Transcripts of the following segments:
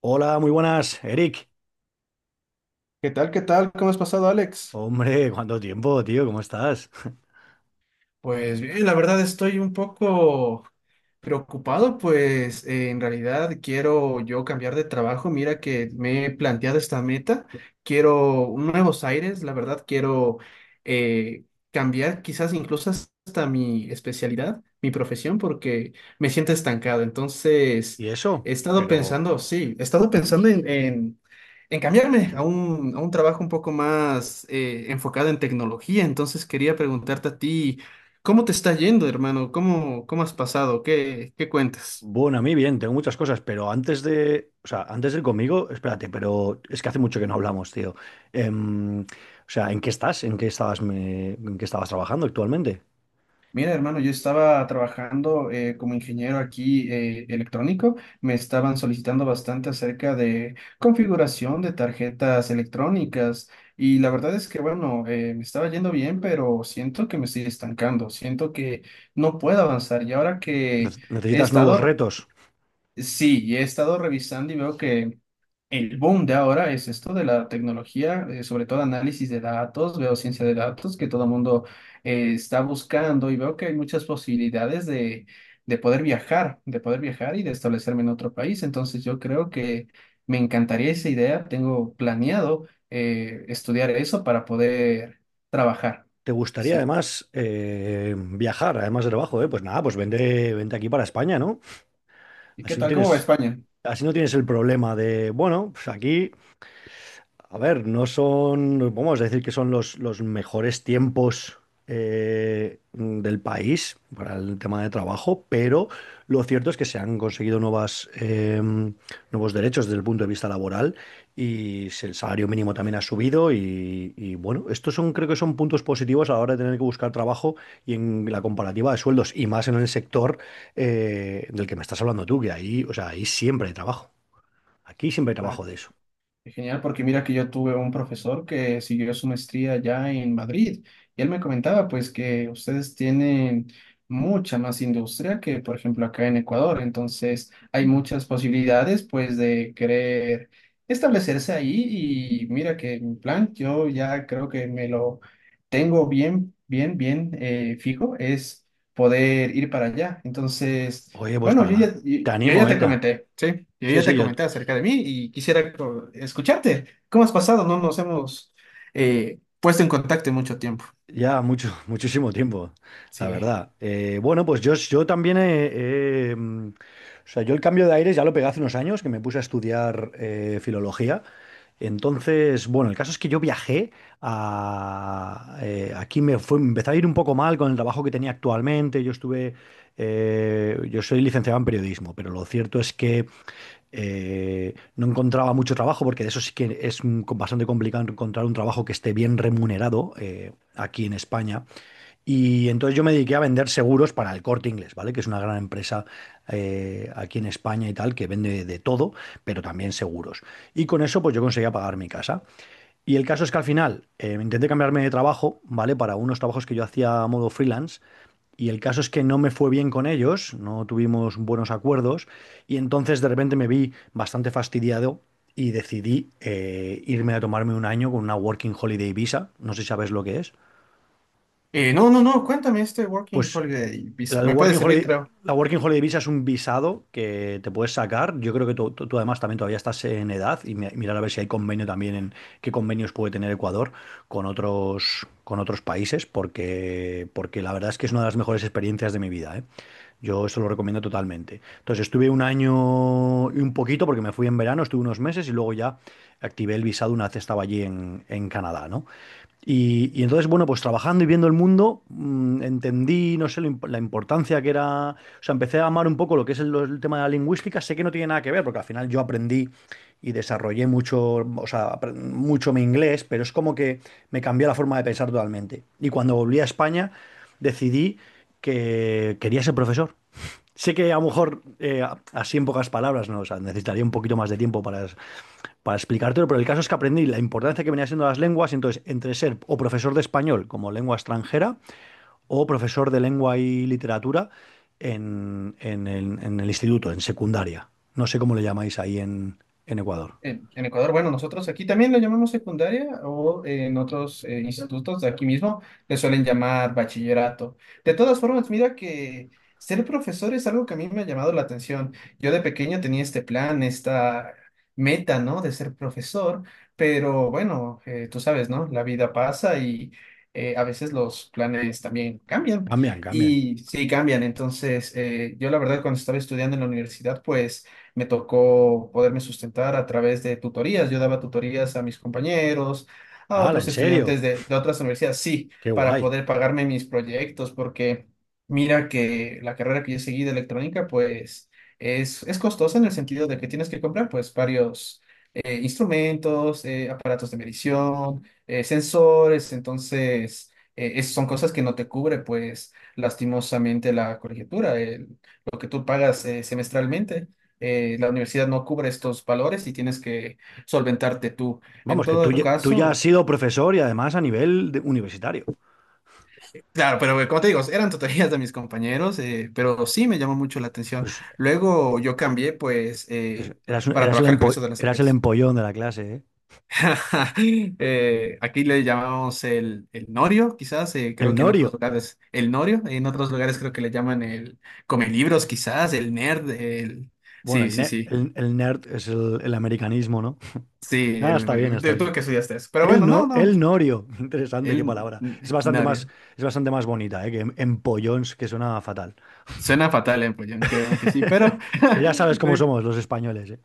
Hola, muy buenas, Eric. ¿Qué tal? ¿Qué tal? ¿Cómo has pasado, Alex? Hombre, cuánto tiempo, tío, ¿cómo estás? Pues bien, la verdad estoy un poco preocupado, pues en realidad quiero yo cambiar de trabajo. Mira que me he planteado esta meta. Quiero nuevos aires, la verdad quiero eh, cambiar quizás incluso hasta mi especialidad, mi profesión, porque me siento estancado. Entonces, ¿Y he eso? estado Pero, pensando, sí, he estado pensando en cambiarme a a un trabajo un poco más enfocado en tecnología. Entonces, quería preguntarte a ti. ¿Cómo te está yendo, hermano? ¿Cómo, cómo has pasado? ¿Qué, qué cuentas? bueno, a mí bien, tengo muchas cosas, pero antes de, o sea, antes de ir conmigo, espérate, pero es que hace mucho que no hablamos, tío. O sea, ¿en qué estás? ¿En qué estabas, en qué estabas trabajando actualmente? Mira, hermano, yo estaba trabajando como ingeniero aquí electrónico. Me estaban solicitando bastante acerca de configuración de tarjetas electrónicas y la verdad es que, bueno, me estaba yendo bien, pero siento que me estoy estancando, siento que no puedo avanzar. Y ahora que he ¿Necesitas nuevos estado, retos? sí, y he estado revisando y veo que el boom de ahora es esto de la tecnología, sobre todo análisis de datos, veo ciencia de datos que todo el mundo está buscando y veo que hay muchas posibilidades de poder viajar y de establecerme en otro país. Entonces yo creo que me encantaría esa idea, tengo planeado estudiar eso para poder trabajar. ¿Te gustaría Sí. además viajar, además de trabajo, eh? Pues nada, pues vente, vente aquí para España, ¿no? ¿Y qué Así no tal? ¿Cómo va tienes, España? así no tienes el problema de, bueno, pues aquí. A ver, no son, vamos a decir que son los mejores tiempos del país para el tema de trabajo, pero lo cierto es que se han conseguido nuevas, nuevos derechos desde el punto de vista laboral y el salario mínimo también ha subido y, bueno, estos son, creo que son puntos positivos a la hora de tener que buscar trabajo y en la comparativa de sueldos y más en el sector del que me estás hablando tú, que ahí, o sea, ahí siempre hay trabajo. Aquí siempre hay trabajo de eso. Genial, porque mira que yo tuve un profesor que siguió su maestría allá en Madrid y él me comentaba pues que ustedes tienen mucha más industria que por ejemplo acá en Ecuador, entonces hay muchas posibilidades pues de querer establecerse ahí y mira que mi plan yo ya creo que me lo tengo bien, bien, bien fijo es poder ir para allá, entonces... Oye, pues Bueno, para yo ya, la... yo, Te yo ya animo, te Eta. comenté, sí, yo Sí, ya sí, te yo comenté acerca de mí y quisiera escucharte. ¿Cómo has pasado? No nos hemos puesto en contacto en mucho tiempo. ya mucho, muchísimo tiempo, la Sí. verdad. Bueno, pues yo también he, o sea, yo el cambio de aires ya lo pegué hace unos años, que me puse a estudiar filología. Entonces, bueno, el caso es que yo viajé aquí me fue, me empezó a ir un poco mal con el trabajo que tenía actualmente. Yo estuve, yo soy licenciado en periodismo, pero lo cierto es que no encontraba mucho trabajo, porque de eso sí que es bastante complicado encontrar un trabajo que esté bien remunerado aquí en España. Y entonces yo me dediqué a vender seguros para el Corte Inglés, ¿vale? Que es una gran empresa aquí en España y tal, que vende de todo, pero también seguros. Y con eso pues yo conseguía pagar mi casa. Y el caso es que al final intenté cambiarme de trabajo, ¿vale? Para unos trabajos que yo hacía a modo freelance. Y el caso es que no me fue bien con ellos, no tuvimos buenos acuerdos. Y entonces de repente me vi bastante fastidiado y decidí irme a tomarme un año con una Working Holiday Visa. No sé si sabes lo que es. No, no, cuéntame este Working Pues Holiday Visa. la Me puede Working servir, Holiday, creo. la Working Holiday Visa es un visado que te puedes sacar. Yo creo que tú, tú además también todavía estás en edad y mirar a ver si hay convenio también en qué convenios puede tener Ecuador con otros países, porque, porque la verdad es que es una de las mejores experiencias de mi vida, ¿eh? Yo eso lo recomiendo totalmente. Entonces estuve un año y un poquito porque me fui en verano, estuve unos meses y luego ya activé el visado una vez estaba allí en Canadá, ¿no? Y entonces, bueno, pues trabajando y viendo el mundo, entendí, no sé, la importancia que era, o sea, empecé a amar un poco lo que es el tema de la lingüística, sé que no tiene nada que ver, porque al final yo aprendí y desarrollé mucho, o sea, mucho mi inglés, pero es como que me cambió la forma de pensar totalmente. Y cuando volví a España, decidí que quería ser profesor. Sé que a lo mejor, así en pocas palabras, ¿no? O sea, necesitaría un poquito más de tiempo para explicártelo, pero el caso es que aprendí la importancia que venía siendo las lenguas, y entonces entre ser o profesor de español como lengua extranjera o profesor de lengua y literatura en el instituto, en secundaria. No sé cómo le llamáis ahí en Ecuador. En Ecuador, bueno, nosotros aquí también lo llamamos secundaria o en otros institutos de aquí mismo le suelen llamar bachillerato. De todas formas, mira que ser profesor es algo que a mí me ha llamado la atención. Yo de pequeño tenía este plan, esta meta, ¿no? De ser profesor, pero bueno, tú sabes, ¿no? La vida pasa y a veces los planes también cambian. Cambian, cambian. Y sí, cambian. Entonces, yo la verdad cuando estaba estudiando en la universidad, pues me tocó poderme sustentar a través de tutorías. Yo daba tutorías a mis compañeros, a ¡Hala, otros en serio! estudiantes de otras universidades, sí, ¡Qué para guay! poder pagarme mis proyectos, porque mira que la carrera que yo seguí de electrónica, pues es costosa en el sentido de que tienes que comprar pues varios instrumentos, aparatos de medición, sensores, entonces... son cosas que no te cubre, pues, lastimosamente la colegiatura, lo que tú pagas semestralmente, la universidad no cubre estos valores y tienes que solventarte tú. En Vamos, que tú, todo tú ya has caso, sido profesor y además a nivel universitario. claro, pero como te digo, eran tutorías de mis compañeros, pero sí me llamó mucho la atención. Pues Luego yo cambié, pues, eras, para eras trabajar con eso de las eras el tarjetas. empollón de la clase, ¿eh? Aquí le llamamos el norio, quizás, El creo que en otros norio. lugares el norio, en otros lugares creo que le llaman el come libros, quizás, el nerd, el... Bueno, Sí, el, sí, sí. El nerd es el americanismo, ¿no? Sí, Ah, el... está bien, está tú bien. que estudiaste eso. Pero El bueno, no, no, no, el norio. Interesante, qué él palabra. Norio. Es bastante más bonita, ¿eh? Que empollons, que suena fatal. Suena fatal en pollón, créeme que sí, pero Pero ya sabes no cómo imp- somos los españoles, ¿eh?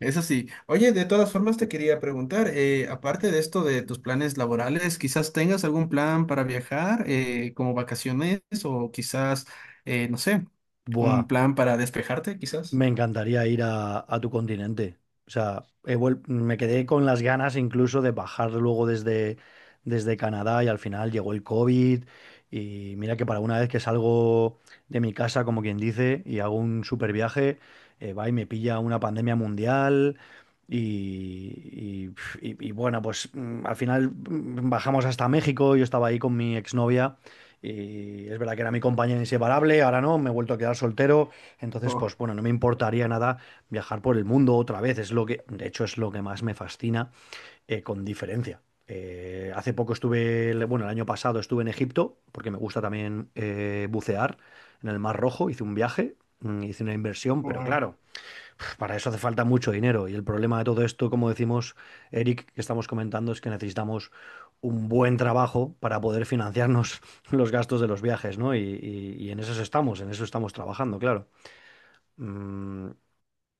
eso sí. Oye, de todas formas te quería preguntar, aparte de esto de tus planes laborales, quizás tengas algún plan para viajar, como vacaciones o quizás, no sé, un Buah. plan para despejarte, quizás. Me encantaría ir a tu continente. O sea, me quedé con las ganas incluso de bajar luego desde, desde Canadá y al final llegó el COVID. Y mira que para una vez que salgo de mi casa, como quien dice, y hago un super viaje, va y me pilla una pandemia mundial. Y, pf, y bueno, pues al final bajamos hasta México. Yo estaba ahí con mi exnovia y es verdad que era mi compañera inseparable, ahora no, me he vuelto a quedar soltero. Entonces, Oh, pues bueno, no me importaría nada viajar por el mundo otra vez. Es lo que, de hecho, es lo que más me fascina, con diferencia. Hace poco estuve, bueno, el año pasado estuve en Egipto, porque me gusta también bucear en el Mar Rojo. Hice un viaje, hice una inversión, pero wow. claro, para eso hace falta mucho dinero. Y el problema de todo esto, como decimos, Eric, que estamos comentando, es que necesitamos un buen trabajo para poder financiarnos los gastos de los viajes, ¿no? Y, y en eso estamos trabajando, claro. Mm,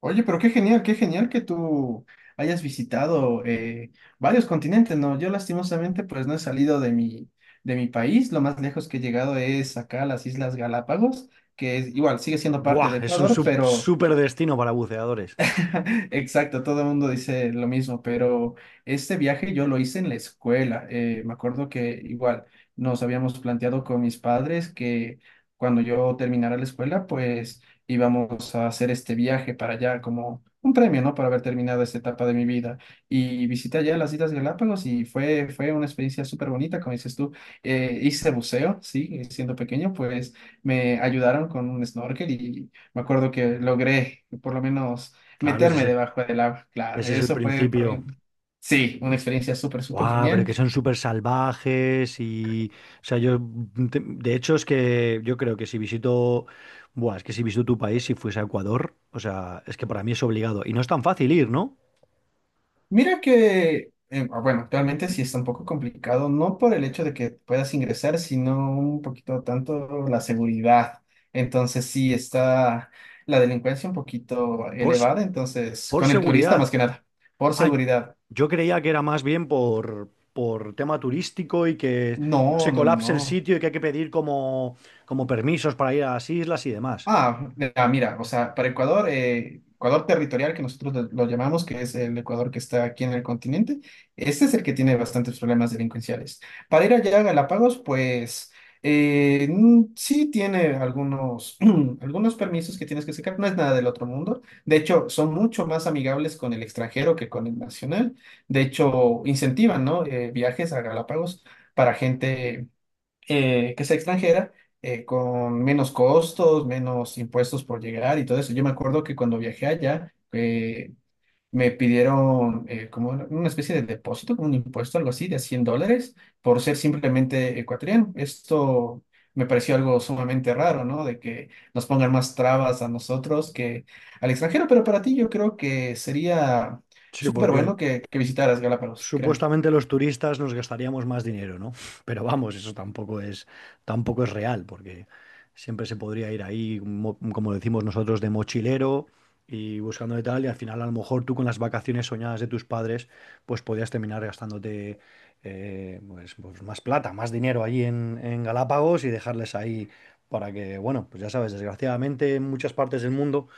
Oye, pero qué genial que tú hayas visitado varios continentes, ¿no? Yo lastimosamente pues no he salido de mi país, lo más lejos que he llegado es acá a las Islas Galápagos, que es, igual sigue siendo parte Buah, de es un Ecuador, pero súper destino para buceadores. exacto, todo el mundo dice lo mismo, pero este viaje yo lo hice en la escuela. Me acuerdo que igual nos habíamos planteado con mis padres que cuando yo terminara la escuela, pues íbamos a hacer este viaje para allá como un premio, ¿no? Por haber terminado esta etapa de mi vida. Y visité allá las Islas Galápagos y fue, fue una experiencia súper bonita, como dices tú. Hice buceo, sí, siendo pequeño, pues me ayudaron con un snorkel y me acuerdo que logré por lo menos Claro, ese, meterme debajo del agua, claro, ese es el eso fue para principio. mí, sí, una experiencia súper, súper Guau, pero genial. que son súper salvajes y... O sea, yo... De hecho, es que yo creo que si visito... Buah, es que si visito tu país, si fuese a Ecuador, o sea, es que para mí es obligado. Y no es tan fácil ir, ¿no? Mira que, bueno, actualmente sí está un poco complicado, no por el hecho de que puedas ingresar, sino un poquito tanto la seguridad. Entonces sí está la delincuencia un poquito Por, elevada, entonces por con el turista seguridad. más que nada, por Ay, seguridad. yo creía que era más bien por tema turístico y que no se No, no, no. colapse el No. sitio y que hay que pedir como, como permisos para ir a las islas y demás. Ah, mira, mira, o sea, para Ecuador, Ecuador territorial, que nosotros lo llamamos, que es el Ecuador que está aquí en el continente, este es el que tiene bastantes problemas delincuenciales. Para ir allá a Galápagos, pues sí tiene algunos, algunos permisos que tienes que sacar, no es nada del otro mundo. De hecho, son mucho más amigables con el extranjero que con el nacional. De hecho, incentivan, ¿no? Viajes a Galápagos para gente que sea extranjera, con menos costos, menos impuestos por llegar y todo eso. Yo me acuerdo que cuando viajé allá, me pidieron como una especie de depósito, como un impuesto, algo así, de $100 por ser simplemente ecuatoriano. Esto me pareció algo sumamente raro, ¿no? De que nos pongan más trabas a nosotros que al extranjero, pero para ti yo creo que sería Sí, súper bueno porque que visitaras Galápagos, créeme, supuestamente los turistas nos gastaríamos más dinero, ¿no? Pero vamos, eso tampoco es, tampoco es real, porque siempre se podría ir ahí, como decimos nosotros, de mochilero y buscando de tal, y al final a lo mejor tú con las vacaciones soñadas de tus padres, pues podías terminar gastándote pues, pues más plata, más dinero allí en Galápagos y dejarles ahí para que, bueno, pues ya sabes, desgraciadamente en muchas partes del mundo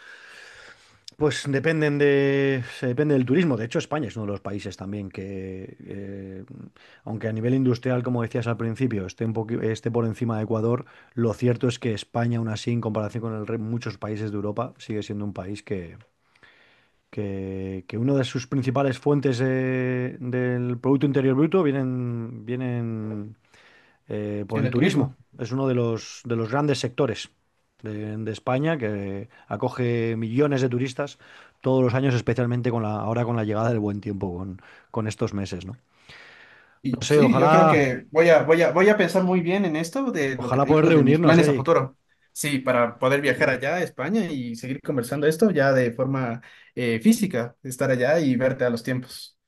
pues dependen de, se depende del turismo. De hecho, España es uno de los países también que, aunque a nivel industrial, como decías al principio, esté esté por encima de Ecuador, lo cierto es que España, aún así, en comparación con muchos países de Europa, sigue siendo un país que una de sus principales fuentes del Producto Interior Bruto vienen, vienen por el siendo de turismo. turismo. Es uno de los grandes sectores de España que acoge millones de turistas todos los años, especialmente con la, ahora con la llegada del buen tiempo, con estos meses, ¿no? No Y sé, sí, yo creo ojalá, que voy a, voy a, voy a pensar muy bien en esto de lo que ojalá te poder digo, de mis reunirnos, planes a Eric. futuro. Sí, para poder viajar allá a España y seguir conversando esto ya de forma física, estar allá y verte a los tiempos.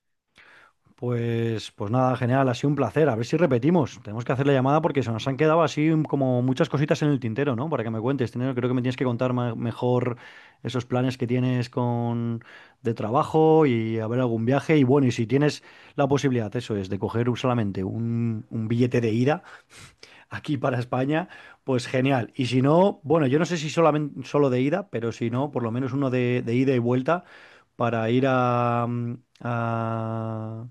Pues, pues nada, genial, ha sido un placer. A ver si repetimos. Tenemos que hacer la llamada porque se nos han quedado así como muchas cositas en el tintero, ¿no? Para que me cuentes. Tenero, creo que me tienes que contar mejor esos planes que tienes con de trabajo y a ver algún viaje. Y bueno, y si tienes la posibilidad, eso es, de coger solamente un billete de ida, aquí para España, pues genial. Y si no, bueno, yo no sé si solamente solo de ida, pero si no, por lo menos uno de ida y vuelta para ir a, a-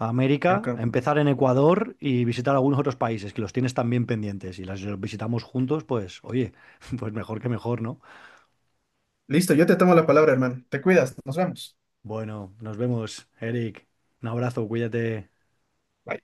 a América, Enco- empezar en Ecuador y visitar algunos otros países que los tienes también pendientes. Y los visitamos juntos, pues oye, pues mejor que mejor, ¿no? Listo, yo te tomo la palabra, hermano. Te cuidas, nos vemos. Bueno, nos vemos, Eric. Un abrazo, cuídate. Bye.